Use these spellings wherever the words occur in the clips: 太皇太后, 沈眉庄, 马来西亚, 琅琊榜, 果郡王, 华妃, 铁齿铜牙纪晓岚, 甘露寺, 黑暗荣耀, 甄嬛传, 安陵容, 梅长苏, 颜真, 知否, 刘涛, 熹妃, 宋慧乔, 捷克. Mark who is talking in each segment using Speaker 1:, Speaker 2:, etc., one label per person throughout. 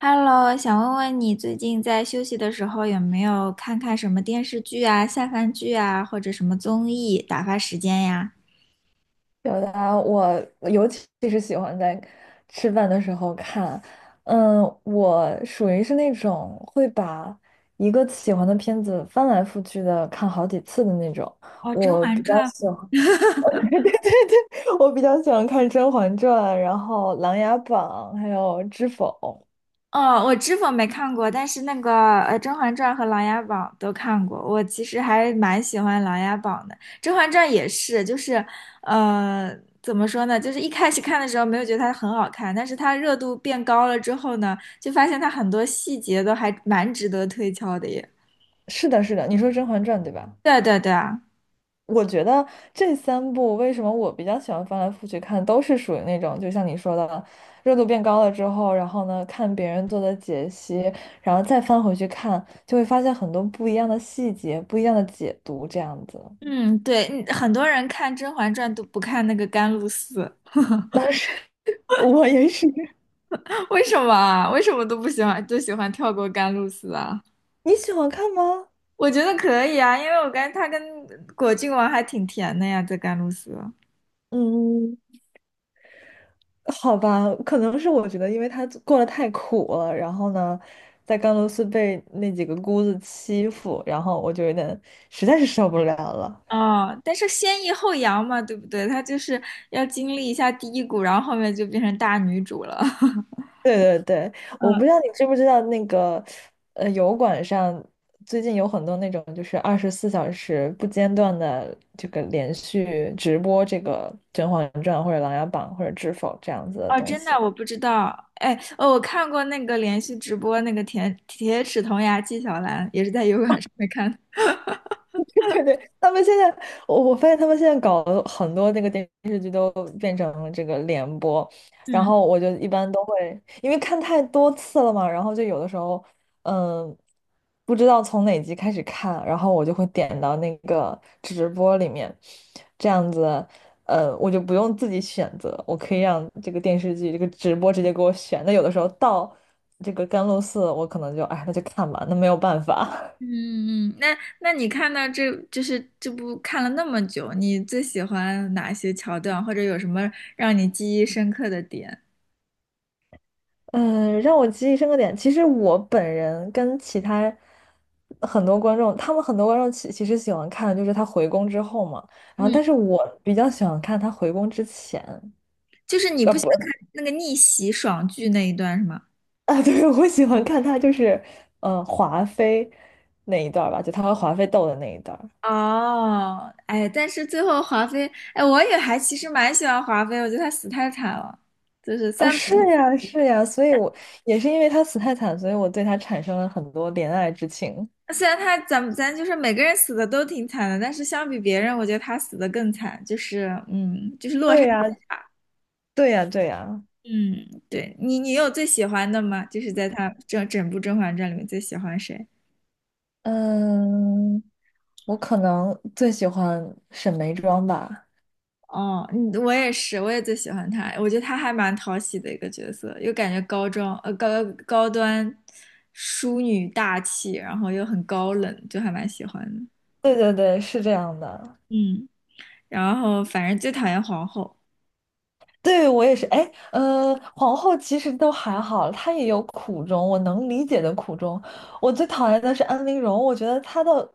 Speaker 1: Hello，想问问你最近在休息的时候有没有看看什么电视剧啊、下饭剧啊，或者什么综艺打发时间呀？
Speaker 2: 表达我尤其是喜欢在吃饭的时候看，嗯，我属于是那种会把一个喜欢的片子翻来覆去的看好几次的那种。
Speaker 1: 哦，《甄
Speaker 2: 我
Speaker 1: 嬛
Speaker 2: 比较
Speaker 1: 传》
Speaker 2: 喜欢，对对对，我比较喜欢看《甄嬛传》，然后《琅琊榜》，还有《知否》。
Speaker 1: 哦，我知否没看过，但是那个《甄嬛传》和《琅琊榜》都看过。我其实还蛮喜欢《琅琊榜》的，《甄嬛传》也是，呃，怎么说呢？就是一开始看的时候没有觉得它很好看，但是它热度变高了之后呢，就发现它很多细节都还蛮值得推敲的耶。
Speaker 2: 是的，是的，你说《甄嬛传》对吧？
Speaker 1: 对对对啊。
Speaker 2: 我觉得这三部为什么我比较喜欢翻来覆去看，都是属于那种，就像你说的，热度变高了之后，然后呢，看别人做的解析，然后再翻回去看，就会发现很多不一样的细节、不一样的解读，这样子。
Speaker 1: 嗯，对，嗯很多人看《甄嬛传》都不看那个甘露寺，
Speaker 2: 但是我也是，
Speaker 1: 为什么啊？为什么都不喜欢，都喜欢跳过甘露寺啊？
Speaker 2: 你喜欢看吗？
Speaker 1: 我觉得可以啊，因为我感觉他跟果郡王还挺甜的呀，在甘露寺。
Speaker 2: 嗯，好吧，可能是我觉得，因为他过得太苦了，然后呢，在甘露寺被那几个姑子欺负，然后我就有点实在是受不了了。
Speaker 1: 哦，但是先抑后扬嘛，对不对？她就是要经历一下低谷，然后后面就变成大女主了。
Speaker 2: 对对对，我
Speaker 1: 嗯，
Speaker 2: 不知道你知不知道那个，油管上最近有很多那种就是24小时不间断的这个连续直播这个《甄嬛传》或者《琅琊榜》或者《知否》这样子的
Speaker 1: 哦，
Speaker 2: 东
Speaker 1: 真的，
Speaker 2: 西。
Speaker 1: 我不知道。哎，哦，我看过那个连续直播，那个铁齿铜牙纪晓岚，也是在油管上面看的
Speaker 2: 对对，他们现在，我发现他们现在搞的很多那个电视剧都变成了这个联播，然
Speaker 1: 嗯。
Speaker 2: 后我就一般都会，因为看太多次了嘛，然后就有的时候，嗯，不知道从哪集开始看，然后我就会点到那个直播里面，这样子，我就不用自己选择，我可以让这个电视剧这个直播直接给我选。那有的时候到这个甘露寺，我可能就，哎，那就看吧，那没有办法。
Speaker 1: 嗯嗯，那你看到这就是这部看了那么久，你最喜欢哪些桥段，或者有什么让你记忆深刻的点？
Speaker 2: 嗯，让我记忆深刻点。其实我本人跟其他很多观众，他们很多观众其实喜欢看，就是他回宫之后嘛。然后，
Speaker 1: 嗯，
Speaker 2: 但是我比较喜欢看他回宫之前，
Speaker 1: 就是你不想
Speaker 2: 不，
Speaker 1: 看那个逆袭爽剧那一段是吗？
Speaker 2: 啊，对，我喜欢看他就是，嗯、华妃那一段儿吧，就他和华妃斗的那一段儿。
Speaker 1: 哦，哎，但是最后华妃，哎，我也还其实蛮喜欢华妃，我觉得她死太惨了。就是
Speaker 2: 啊，是呀，是呀，所以我也是因为他死太惨，所以我对他产生了很多怜爱之情。
Speaker 1: 虽然她咱就是每个人死的都挺惨的，但是相比别人，我觉得她死的更惨，就是嗯，就是落差。
Speaker 2: 对呀，对呀，对呀。
Speaker 1: 嗯，对你，你有最喜欢的吗？就是在他整部《甄嬛传》里面最喜欢谁？
Speaker 2: 嗯，我可能最喜欢沈眉庄吧。
Speaker 1: 哦，嗯，我也是，我也最喜欢他。我觉得他还蛮讨喜的一个角色，又感觉高高端淑女大气，然后又很高冷，就还蛮喜欢的。
Speaker 2: 对对对，是这样的。
Speaker 1: 嗯，然后反正最讨厌皇后。
Speaker 2: 对，我也是。哎，皇后其实都还好，她也有苦衷，我能理解的苦衷。我最讨厌的是安陵容，我觉得她的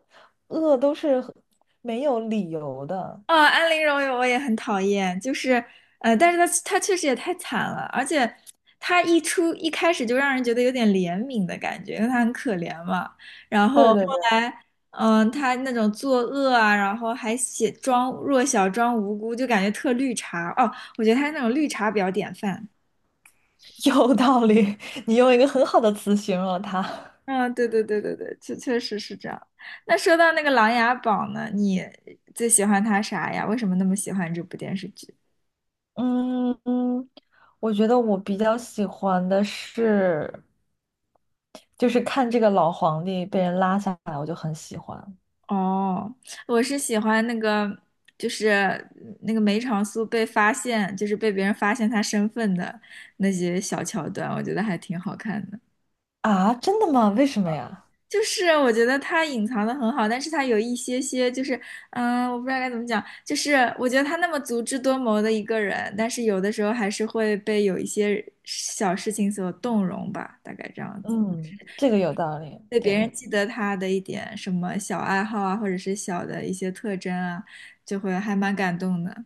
Speaker 2: 恶都是很没有理由的。
Speaker 1: 哦，安陵容我也很讨厌，就是，但是她确实也太惨了，而且她一开始就让人觉得有点怜悯的感觉，因为她很可怜嘛。然
Speaker 2: 对
Speaker 1: 后后
Speaker 2: 对对，
Speaker 1: 来，她那种作恶啊，然后还写装弱小、装无辜，就感觉特绿茶。哦，我觉得她那种绿茶比较典范。
Speaker 2: 有道理，你用一个很好的词形容了她。
Speaker 1: 嗯，对对对对对，确实是这样。那说到那个《琅琊榜》呢，你最喜欢它啥呀？为什么那么喜欢这部电视剧？
Speaker 2: 嗯嗯，我觉得我比较喜欢的是。就是看这个老皇帝被人拉下来，我就很喜欢
Speaker 1: 哦，我是喜欢那个，就是那个梅长苏被发现，就是被别人发现他身份的那些小桥段，我觉得还挺好看的。
Speaker 2: 啊！真的吗？为什么呀？
Speaker 1: 就是我觉得他隐藏的很好，但是他有一些些，就是嗯，我不知道该怎么讲，就是我觉得他那么足智多谋的一个人，但是有的时候还是会被有一些小事情所动容吧，大概这样子。
Speaker 2: 嗯，这个有道理。
Speaker 1: 对
Speaker 2: 对
Speaker 1: 别人
Speaker 2: 对，
Speaker 1: 记得他的一点什么小爱好啊，或者是小的一些特征啊，就会还蛮感动的。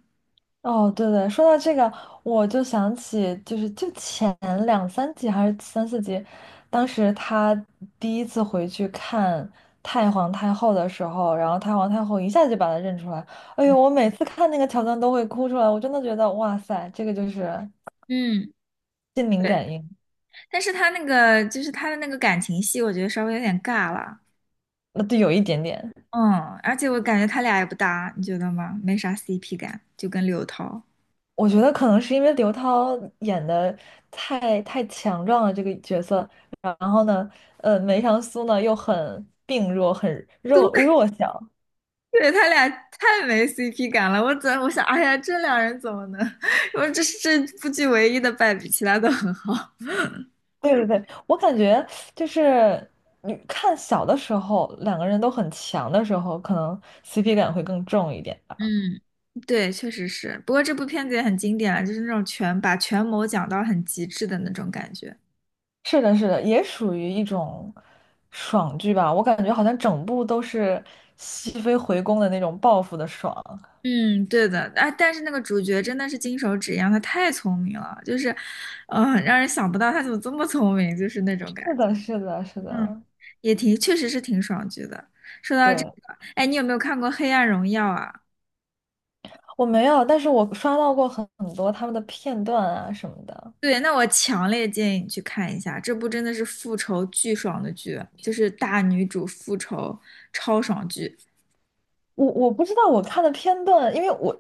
Speaker 2: 哦，对对，说到这个，我就想起，就是就前2、3集还是3、4集，当时他第一次回去看太皇太后的时候，然后太皇太后一下就把他认出来。哎呦，我每次看那个桥段都会哭出来，我真的觉得哇塞，这个就是
Speaker 1: 嗯，
Speaker 2: 心灵
Speaker 1: 对，
Speaker 2: 感应，
Speaker 1: 但是他那个就是他的那个感情戏，我觉得稍微有点尬了。
Speaker 2: 那对，有一点点。
Speaker 1: 嗯，而且我感觉他俩也不搭，你觉得吗？没啥 CP 感，就跟刘涛。
Speaker 2: 我觉得可能是因为刘涛演的太强壮了这个角色，然后呢，梅长苏呢又很病弱，很弱弱 小。
Speaker 1: 对，对，他俩太没 CP 感了。我想，哎呀，这两人怎么能？我这是这部剧唯一的败笔，其他都很好。
Speaker 2: 对对对，我感觉就是你看小的时候，两个人都很强的时候，可能 CP 感会更重一点吧。
Speaker 1: 嗯，对，确实是。不过这部片子也很经典了，就是那种权谋讲到很极致的那种感觉。
Speaker 2: 是的，是的，也属于一种爽剧吧。我感觉好像整部都是熹妃回宫的那种报复的爽。
Speaker 1: 嗯，对的。啊，但是那个主角真的是金手指一样，他太聪明了，就是，让人想不到他怎么这么聪明，就是那种感
Speaker 2: 是
Speaker 1: 觉。
Speaker 2: 的，是的，是
Speaker 1: 嗯，
Speaker 2: 的，
Speaker 1: 也挺，确实是挺爽剧的。说到这
Speaker 2: 对。
Speaker 1: 个，哎，你有没有看过《黑暗荣耀》啊？
Speaker 2: 我没有，但是我刷到过很多他们的片段啊什么的。
Speaker 1: 对，那我强烈建议你去看一下，这部真的是复仇巨爽的剧，就是大女主复仇超爽剧。
Speaker 2: 我不知道我看的片段，因为我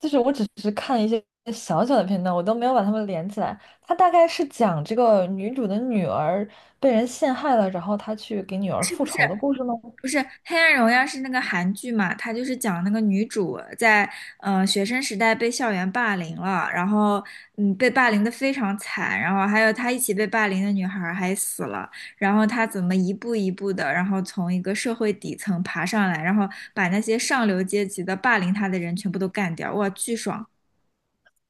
Speaker 2: 就是我只是看一些小小的片段，我都没有把它们连起来。它大概是讲这个女主的女儿被人陷害了，然后她去给女儿
Speaker 1: 是
Speaker 2: 复
Speaker 1: 不是？
Speaker 2: 仇的故事吗？
Speaker 1: 不是《黑暗荣耀》是那个韩剧嘛？它就是讲那个女主在学生时代被校园霸凌了，然后嗯被霸凌的非常惨，然后还有她一起被霸凌的女孩儿还死了，然后她怎么一步一步的，然后从一个社会底层爬上来，然后把那些上流阶级的霸凌她的人全部都干掉，哇，巨爽！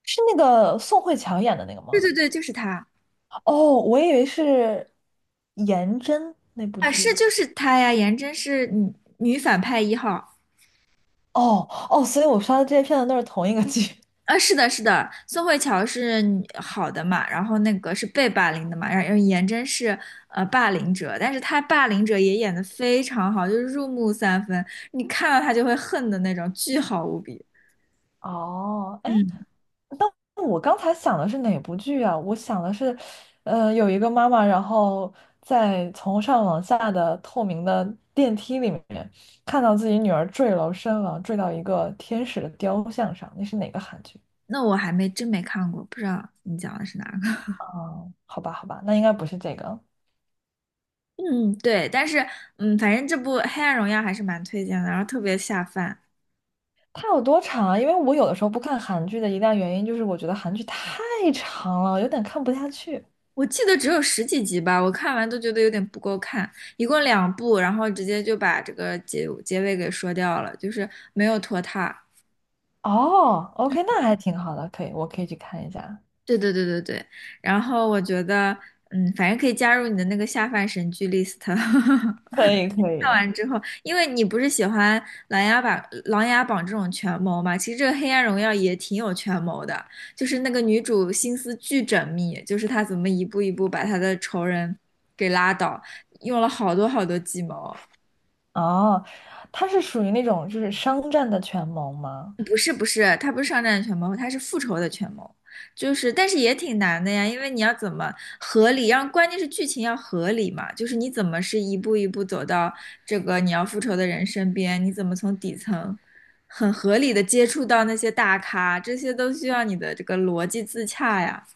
Speaker 2: 是那个宋慧乔演的那个
Speaker 1: 对
Speaker 2: 吗？
Speaker 1: 对对，就是她
Speaker 2: 哦，我以为是颜真那部
Speaker 1: 啊，是
Speaker 2: 剧。
Speaker 1: 就是她呀，颜真是女反派一号。
Speaker 2: 哦哦，所以我刷的这些片段都是同一个剧。
Speaker 1: 啊，是的，是的，宋慧乔是女好的嘛，然后那个是被霸凌的嘛，然后颜真是霸凌者，但是她霸凌者也演得非常好，就是入木三分，你看到她就会恨的那种，巨好无比。
Speaker 2: 哦，哎，
Speaker 1: 嗯，
Speaker 2: 但我刚才想的是哪部剧啊？我想的是，有一个妈妈，然后在从上往下的透明的电梯里面，看到自己女儿坠楼身亡，坠到一个天使的雕像上。那是哪个韩剧？
Speaker 1: 那我还没真没看过，不知道你讲的是哪个。
Speaker 2: 啊、好吧，好吧，那应该不是这个。
Speaker 1: 嗯，对，但是嗯，反正这部《黑暗荣耀》还是蛮推荐的，然后特别下饭。
Speaker 2: 它有多长啊？因为我有的时候不看韩剧的一大原因就是我觉得韩剧太长了，有点看不下去。
Speaker 1: 我记得只有十几集吧，我看完都觉得有点不够看，一共两部，然后直接就把这个结尾给说掉了，就是没有拖沓。
Speaker 2: 哦，OK，那还挺好的，可以，我可以去看一下。
Speaker 1: 对对对对对，然后我觉得，嗯，反正可以加入你的那个下饭神剧 list。
Speaker 2: 可以，可
Speaker 1: 看
Speaker 2: 以。
Speaker 1: 完之后，因为你不是喜欢《琅琊榜》《琅琊榜》这种权谋嘛，其实这个《黑暗荣耀》也挺有权谋的，就是那个女主心思巨缜密，就是她怎么一步一步把她的仇人给拉倒，用了好多好多计谋。
Speaker 2: 哦，他是属于那种就是商战的权谋吗？
Speaker 1: 不是不是，他不是商战权谋，他是复仇的权谋，就是但是也挺难的呀，因为你要怎么合理，让关键是剧情要合理嘛，就是你怎么是一步一步走到这个你要复仇的人身边，你怎么从底层很合理的接触到那些大咖，这些都需要你的这个逻辑自洽呀。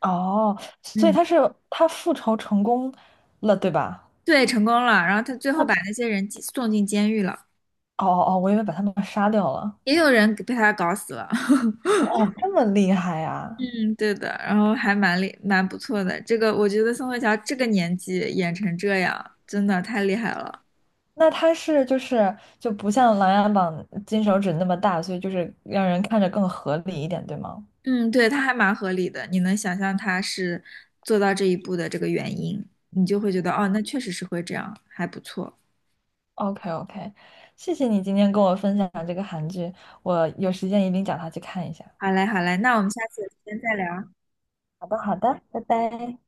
Speaker 2: 哦，所以
Speaker 1: 嗯，
Speaker 2: 他是他复仇成功了，对吧？
Speaker 1: 对，成功了，然后他最后把那些人送进监狱了，
Speaker 2: 哦哦，哦，我以为把他们杀掉了。
Speaker 1: 也有人被他搞死了。
Speaker 2: 哦，这么厉害呀？
Speaker 1: 嗯，对的，然后还蛮厉蛮不错的。这个我觉得宋慧乔这个年纪演成这样，真的太厉害了。
Speaker 2: 那他是就是就不像《琅琊榜》金手指那么大，所以就是让人看着更合理一点，对吗
Speaker 1: 嗯，对，她还蛮合理的，你能想象她是做到这一步的这个原因，你就会觉得哦，那确实是会这样，还不错。
Speaker 2: ？OK OK，谢谢你今天跟我分享这个韩剧，我有时间一定找他去看一下。
Speaker 1: 好嘞，好嘞，那我们下次有时间再聊。
Speaker 2: 好的好的，拜拜。